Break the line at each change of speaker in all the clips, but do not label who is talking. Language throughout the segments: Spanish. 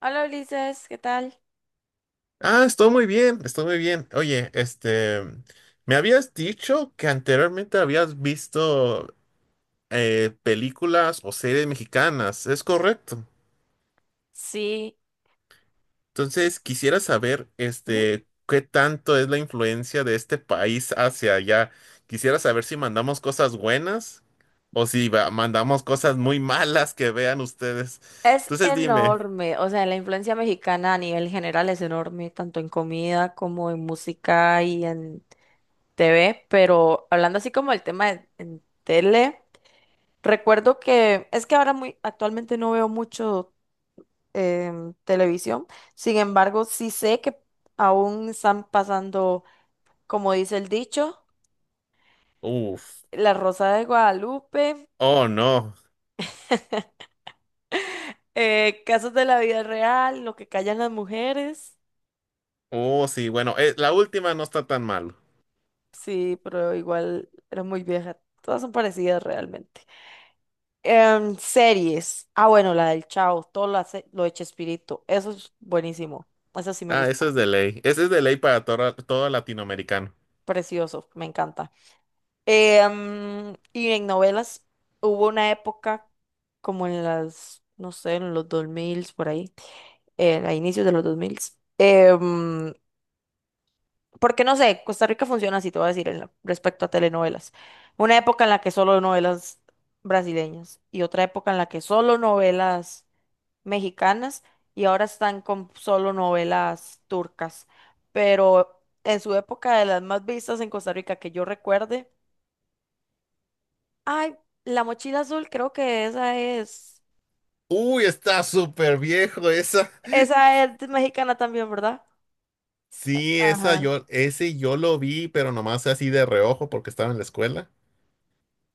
Hola Ulises, ¿qué tal?
Estoy muy bien, estoy muy bien. Oye, me habías dicho que anteriormente habías visto películas o series mexicanas, ¿es correcto?
Sí,
Entonces, quisiera saber, qué tanto es la influencia de este país hacia allá. Quisiera saber si mandamos cosas buenas o si va- mandamos cosas muy malas que vean ustedes.
es
Entonces, dime.
enorme, o sea, la influencia mexicana a nivel general es enorme, tanto en comida como en música y en TV, pero hablando así como el tema en tele, recuerdo que es que ahora muy actualmente no veo mucho televisión. Sin embargo, sí sé que aún están pasando, como dice el dicho,
Uf,
La Rosa de Guadalupe,
oh no.
casos de la vida real, lo que callan las mujeres.
Oh, sí, bueno, la última no está tan mal.
Sí, pero igual era muy vieja. Todas son parecidas realmente. Series. Ah, bueno, la del Chao, todo lo, hace, lo de Chespirito. Eso es buenísimo. Eso sí me
Ah,
gusta.
eso es de ley. Ese es de ley para todo, todo latinoamericano.
Precioso, me encanta. Y en novelas hubo una época como en las, no sé, en los 2000, por ahí, a inicios de los 2000. Porque no sé, Costa Rica funciona así, te voy a decir, en respecto a telenovelas. Una época en la que solo novelas brasileñas y otra época en la que solo novelas mexicanas, y ahora están con solo novelas turcas. Pero en su época, de las más vistas en Costa Rica que yo recuerde, ay, La Mochila Azul, creo que
Uy, está súper viejo esa.
esa es mexicana también, ¿verdad?
Sí,
Ajá.
ese yo lo vi, pero nomás así de reojo porque estaba en la escuela.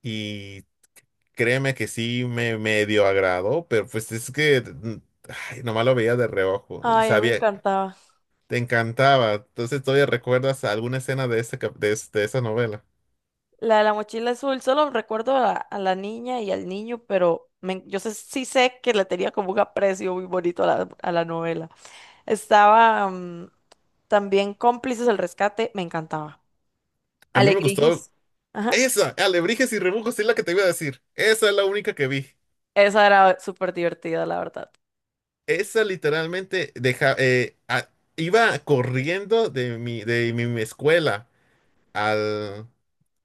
Y créeme que sí me medio agradó, pero pues es que ay, nomás lo veía de reojo.
Ay, a mí me
Sabía,
encantaba.
te encantaba. Entonces, ¿todavía recuerdas alguna escena de, ese, cap- de, es- de esa novela?
La de la mochila azul, solo recuerdo a la niña y al niño, pero yo sé, sí sé que le tenía como un aprecio muy bonito a la novela. Estaba mm, también Cómplices del Rescate, me encantaba.
A mí me gustó
Alegrigis. Ajá.
esa, Alebrijes y Rebujos, es la que te iba a decir. Esa es la única que vi.
Esa era súper divertida, la verdad.
Esa literalmente deja, iba corriendo de mi escuela al,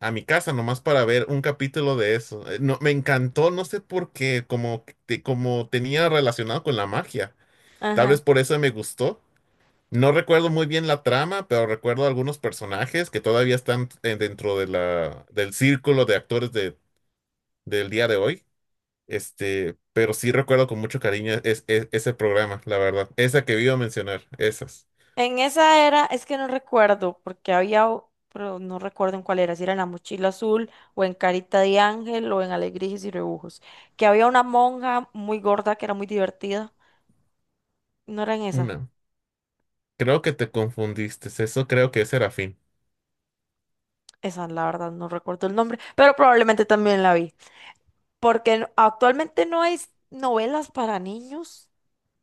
a mi casa nomás para ver un capítulo de eso. No, me encantó, no sé por qué, como tenía relacionado con la magia. Tal
Ajá.
vez por eso me gustó. No recuerdo muy bien la trama, pero recuerdo algunos personajes que todavía están dentro de del círculo de actores de, del día de hoy. Pero sí recuerdo con mucho cariño ese programa, la verdad. Esa que iba a mencionar, esas.
En esa era, es que no recuerdo, porque había, pero no recuerdo en cuál era, si era en la mochila azul o en Carita de Ángel o en Alegrías y Rebujos, que había una monja muy gorda que era muy divertida. ¿No era en esa?
Una. Creo que te confundiste. Eso creo que es Serafín.
Esa, la verdad, no recuerdo el nombre, pero probablemente también la vi. Porque actualmente no hay novelas para niños,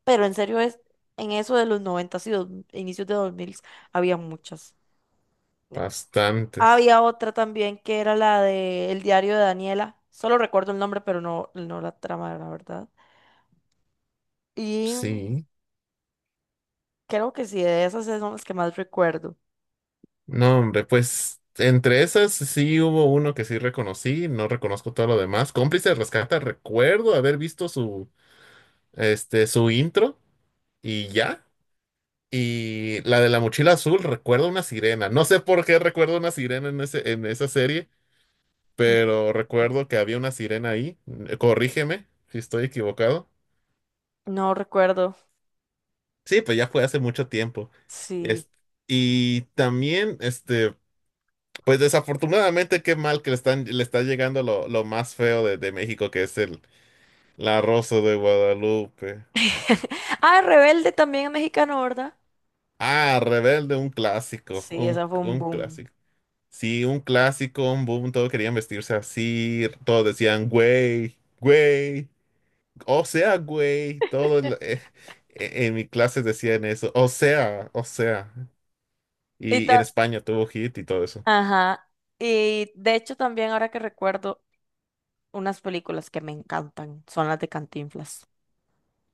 pero en serio es, en eso de los 90 y inicios de 2000 había muchas.
Bastantes.
Había otra también que era la de El diario de Daniela. Solo recuerdo el nombre, pero no, no la trama, la verdad. Y
Sí.
creo que sí, de esas son las que más recuerdo.
No, hombre, pues entre esas sí hubo uno que sí reconocí. No reconozco todo lo demás. Cómplice de Rescata, recuerdo haber visto su intro y ya. Y la de la mochila azul, recuerdo una sirena. No sé por qué recuerdo una sirena en esa serie, pero recuerdo que había una sirena ahí. Corrígeme si estoy equivocado.
No recuerdo,
Sí, pues ya fue hace mucho tiempo.
sí.
Es- y también, pues desafortunadamente, qué mal que le está llegando lo más feo de México, que es el la Rosa de Guadalupe.
Ah, Rebelde también es mexicano, ¿verdad?
Ah, Rebelde, un clásico,
Sí, esa fue un
un
boom.
clásico. Sí, un clásico, un boom, todos querían vestirse así, todos decían, güey, güey. O sea, güey, en mi clase decían eso. O sea, o sea.
Y
Y en España tuvo hit y todo eso.
ajá. Y de hecho también ahora que recuerdo, unas películas que me encantan son las de Cantinflas.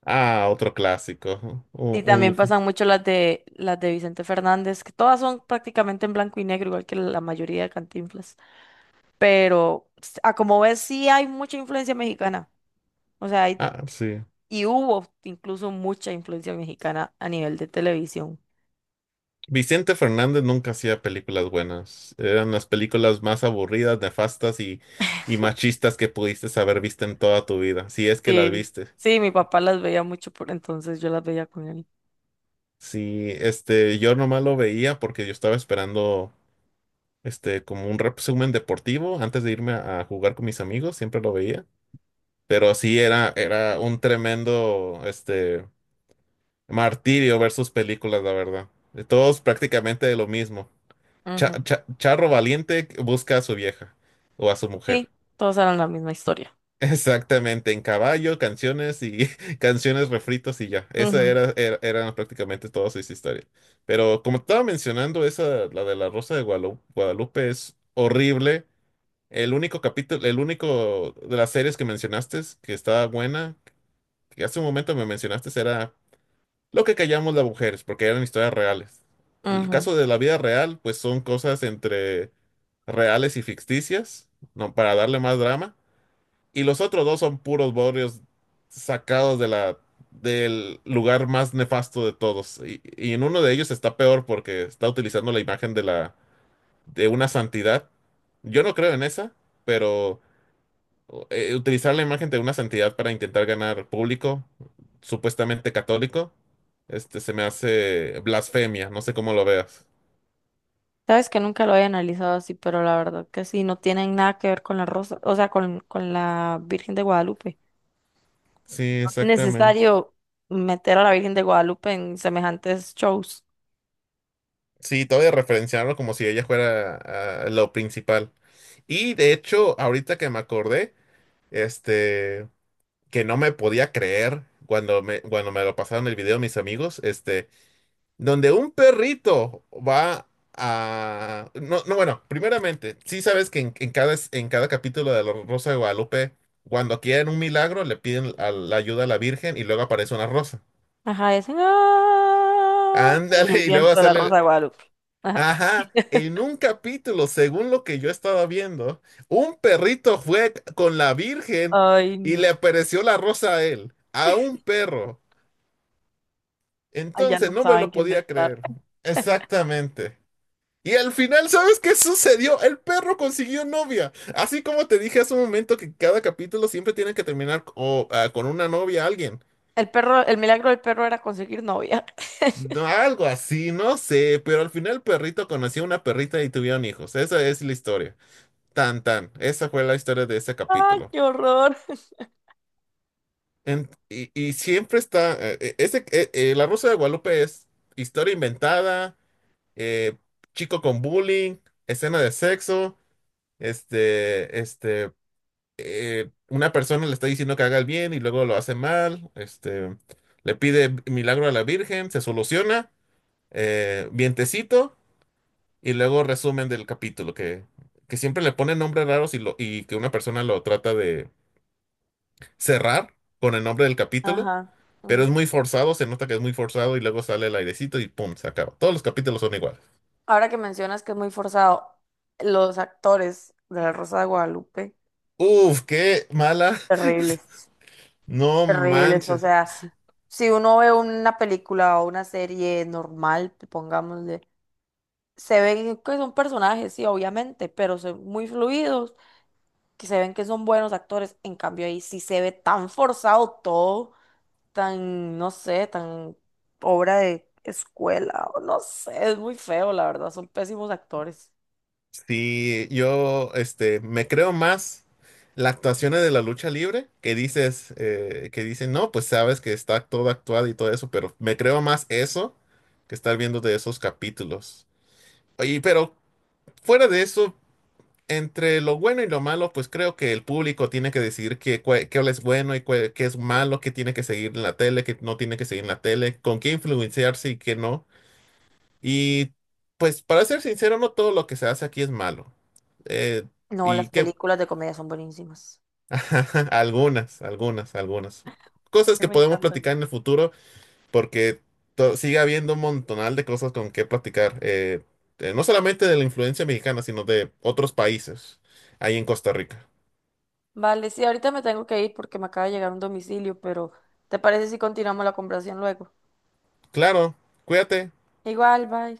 Ah, otro clásico.
Y
U-
también
uf.
pasan mucho las de Vicente Fernández, que todas son prácticamente en blanco y negro, igual que la mayoría de Cantinflas. Pero a como ves, sí hay mucha influencia mexicana. O sea,
Ah, sí.
y hubo incluso mucha influencia mexicana a nivel de televisión.
Vicente Fernández nunca hacía películas buenas. Eran las películas más aburridas, nefastas y machistas que pudiste haber visto en toda tu vida, si es que las
Sí.
viste.
Sí, mi papá las veía mucho, por entonces yo las veía con él.
Sí, yo nomás lo veía porque yo estaba esperando, como un resumen deportivo antes de irme a jugar con mis amigos, siempre lo veía. Pero sí era un tremendo martirio ver sus películas, la verdad. Todos prácticamente de lo mismo.
Ujú.
Charro valiente busca a su vieja o a su mujer.
Sí, todas eran la misma historia.
Exactamente, en caballo, canciones y canciones refritos y ya.
Ujú,
Eran prácticamente todas sus historias. Pero como estaba mencionando, esa, la de la Rosa de Guadalupe es horrible. El único capítulo, el único de las series que mencionaste es que estaba buena que hace un momento me mencionaste era lo que callamos las mujeres, porque eran historias reales. El
ujú.
caso de la vida real, pues son cosas entre reales y ficticias, no, para darle más drama. Y los otros dos son puros borrios sacados de del lugar más nefasto de todos. Y en uno de ellos está peor porque está utilizando la imagen de de una santidad. Yo no creo en esa, pero utilizar la imagen de una santidad para intentar ganar público, supuestamente católico, se me hace blasfemia, no sé cómo lo veas.
Sabes que nunca lo había analizado así, pero la verdad que sí, no tienen nada que ver con la rosa, o sea, con la Virgen de Guadalupe.
Sí,
No es
exactamente.
necesario meter a la Virgen de Guadalupe en semejantes shows.
Sí, todavía referenciarlo como si ella fuera lo principal. Y de hecho, ahorita que me acordé, este, que no me podía creer cuando cuando me lo pasaron el video mis amigos, donde un perrito va a... No, no, bueno, primeramente, sí sabes que en cada capítulo de La Rosa de Guadalupe, cuando quieren un milagro, la ayuda a la Virgen y luego aparece una rosa.
Ajá, y hacen ¡ah! Y el
Ándale, y luego
viento de la
sale... el-
rosa de Guadalupe. Ajá.
Ajá, en un capítulo, según lo que yo estaba viendo, un perrito fue con la Virgen
Ay,
y le
no.
apareció la rosa a él, a un perro.
Ay, ya
Entonces,
no
no me
saben
lo
qué
podía
inventar.
creer. Exactamente. Y al final, ¿sabes qué sucedió? El perro consiguió novia. Así como te dije hace un momento que cada capítulo siempre tiene que terminar o, ah, con una novia, alguien.
El perro, el milagro del perro era conseguir novia.
No, algo así, no sé, pero al final el perrito conoció a una perrita y tuvieron hijos. Esa es la historia. Tan, tan. Esa fue la historia de ese
¡Ah,
capítulo.
qué horror!
Y siempre está, La Rosa de Guadalupe es historia inventada, eh, chico con bullying, escena de sexo, este, este... una persona le está diciendo que haga el bien y luego lo hace mal, le pide milagro a la Virgen, se soluciona, vientecito, y luego resumen del capítulo, que siempre le ponen nombres raros y que una persona lo trata de cerrar con el nombre del capítulo,
Ajá.
pero es muy forzado, se nota que es muy forzado y luego sale el airecito y pum, se acaba. Todos los capítulos son iguales.
Ahora que mencionas que es muy forzado, los actores de La Rosa de Guadalupe,
Uf, qué mala.
terribles,
No
terribles. O
manches.
sea, si uno ve una película o una serie normal, pongámosle, se ven que son personajes, sí, obviamente, pero son muy fluidos, que se ven que son buenos actores. En cambio, ahí sí se ve tan forzado todo, tan, no sé, tan obra de escuela, o no sé, es muy feo, la verdad, son pésimos actores.
Sí, yo me creo más las actuaciones de la lucha libre, que dicen, no, pues sabes que está todo actuado y todo eso, pero me creo más eso que estar viendo de esos capítulos. Y pero fuera de eso, entre lo bueno y lo malo, pues creo que el público tiene que decidir qué, qué es bueno y qué es malo, qué tiene que seguir en la tele, qué no tiene que seguir en la tele, con qué influenciarse y qué no. Y pues para ser sincero, no todo lo que se hace aquí es malo. Eh,
No,
y
las
que
películas de comedia son buenísimas
algunas, algunas, algunas. Cosas
que
que
me
podemos
encantan.
platicar en el futuro porque sigue habiendo un montonal de cosas con que platicar. No solamente de la influencia mexicana, sino de otros países ahí en Costa Rica.
Vale, sí, ahorita me tengo que ir porque me acaba de llegar un domicilio, pero ¿te parece si continuamos la conversación luego?
Claro, cuídate.
Igual, bye.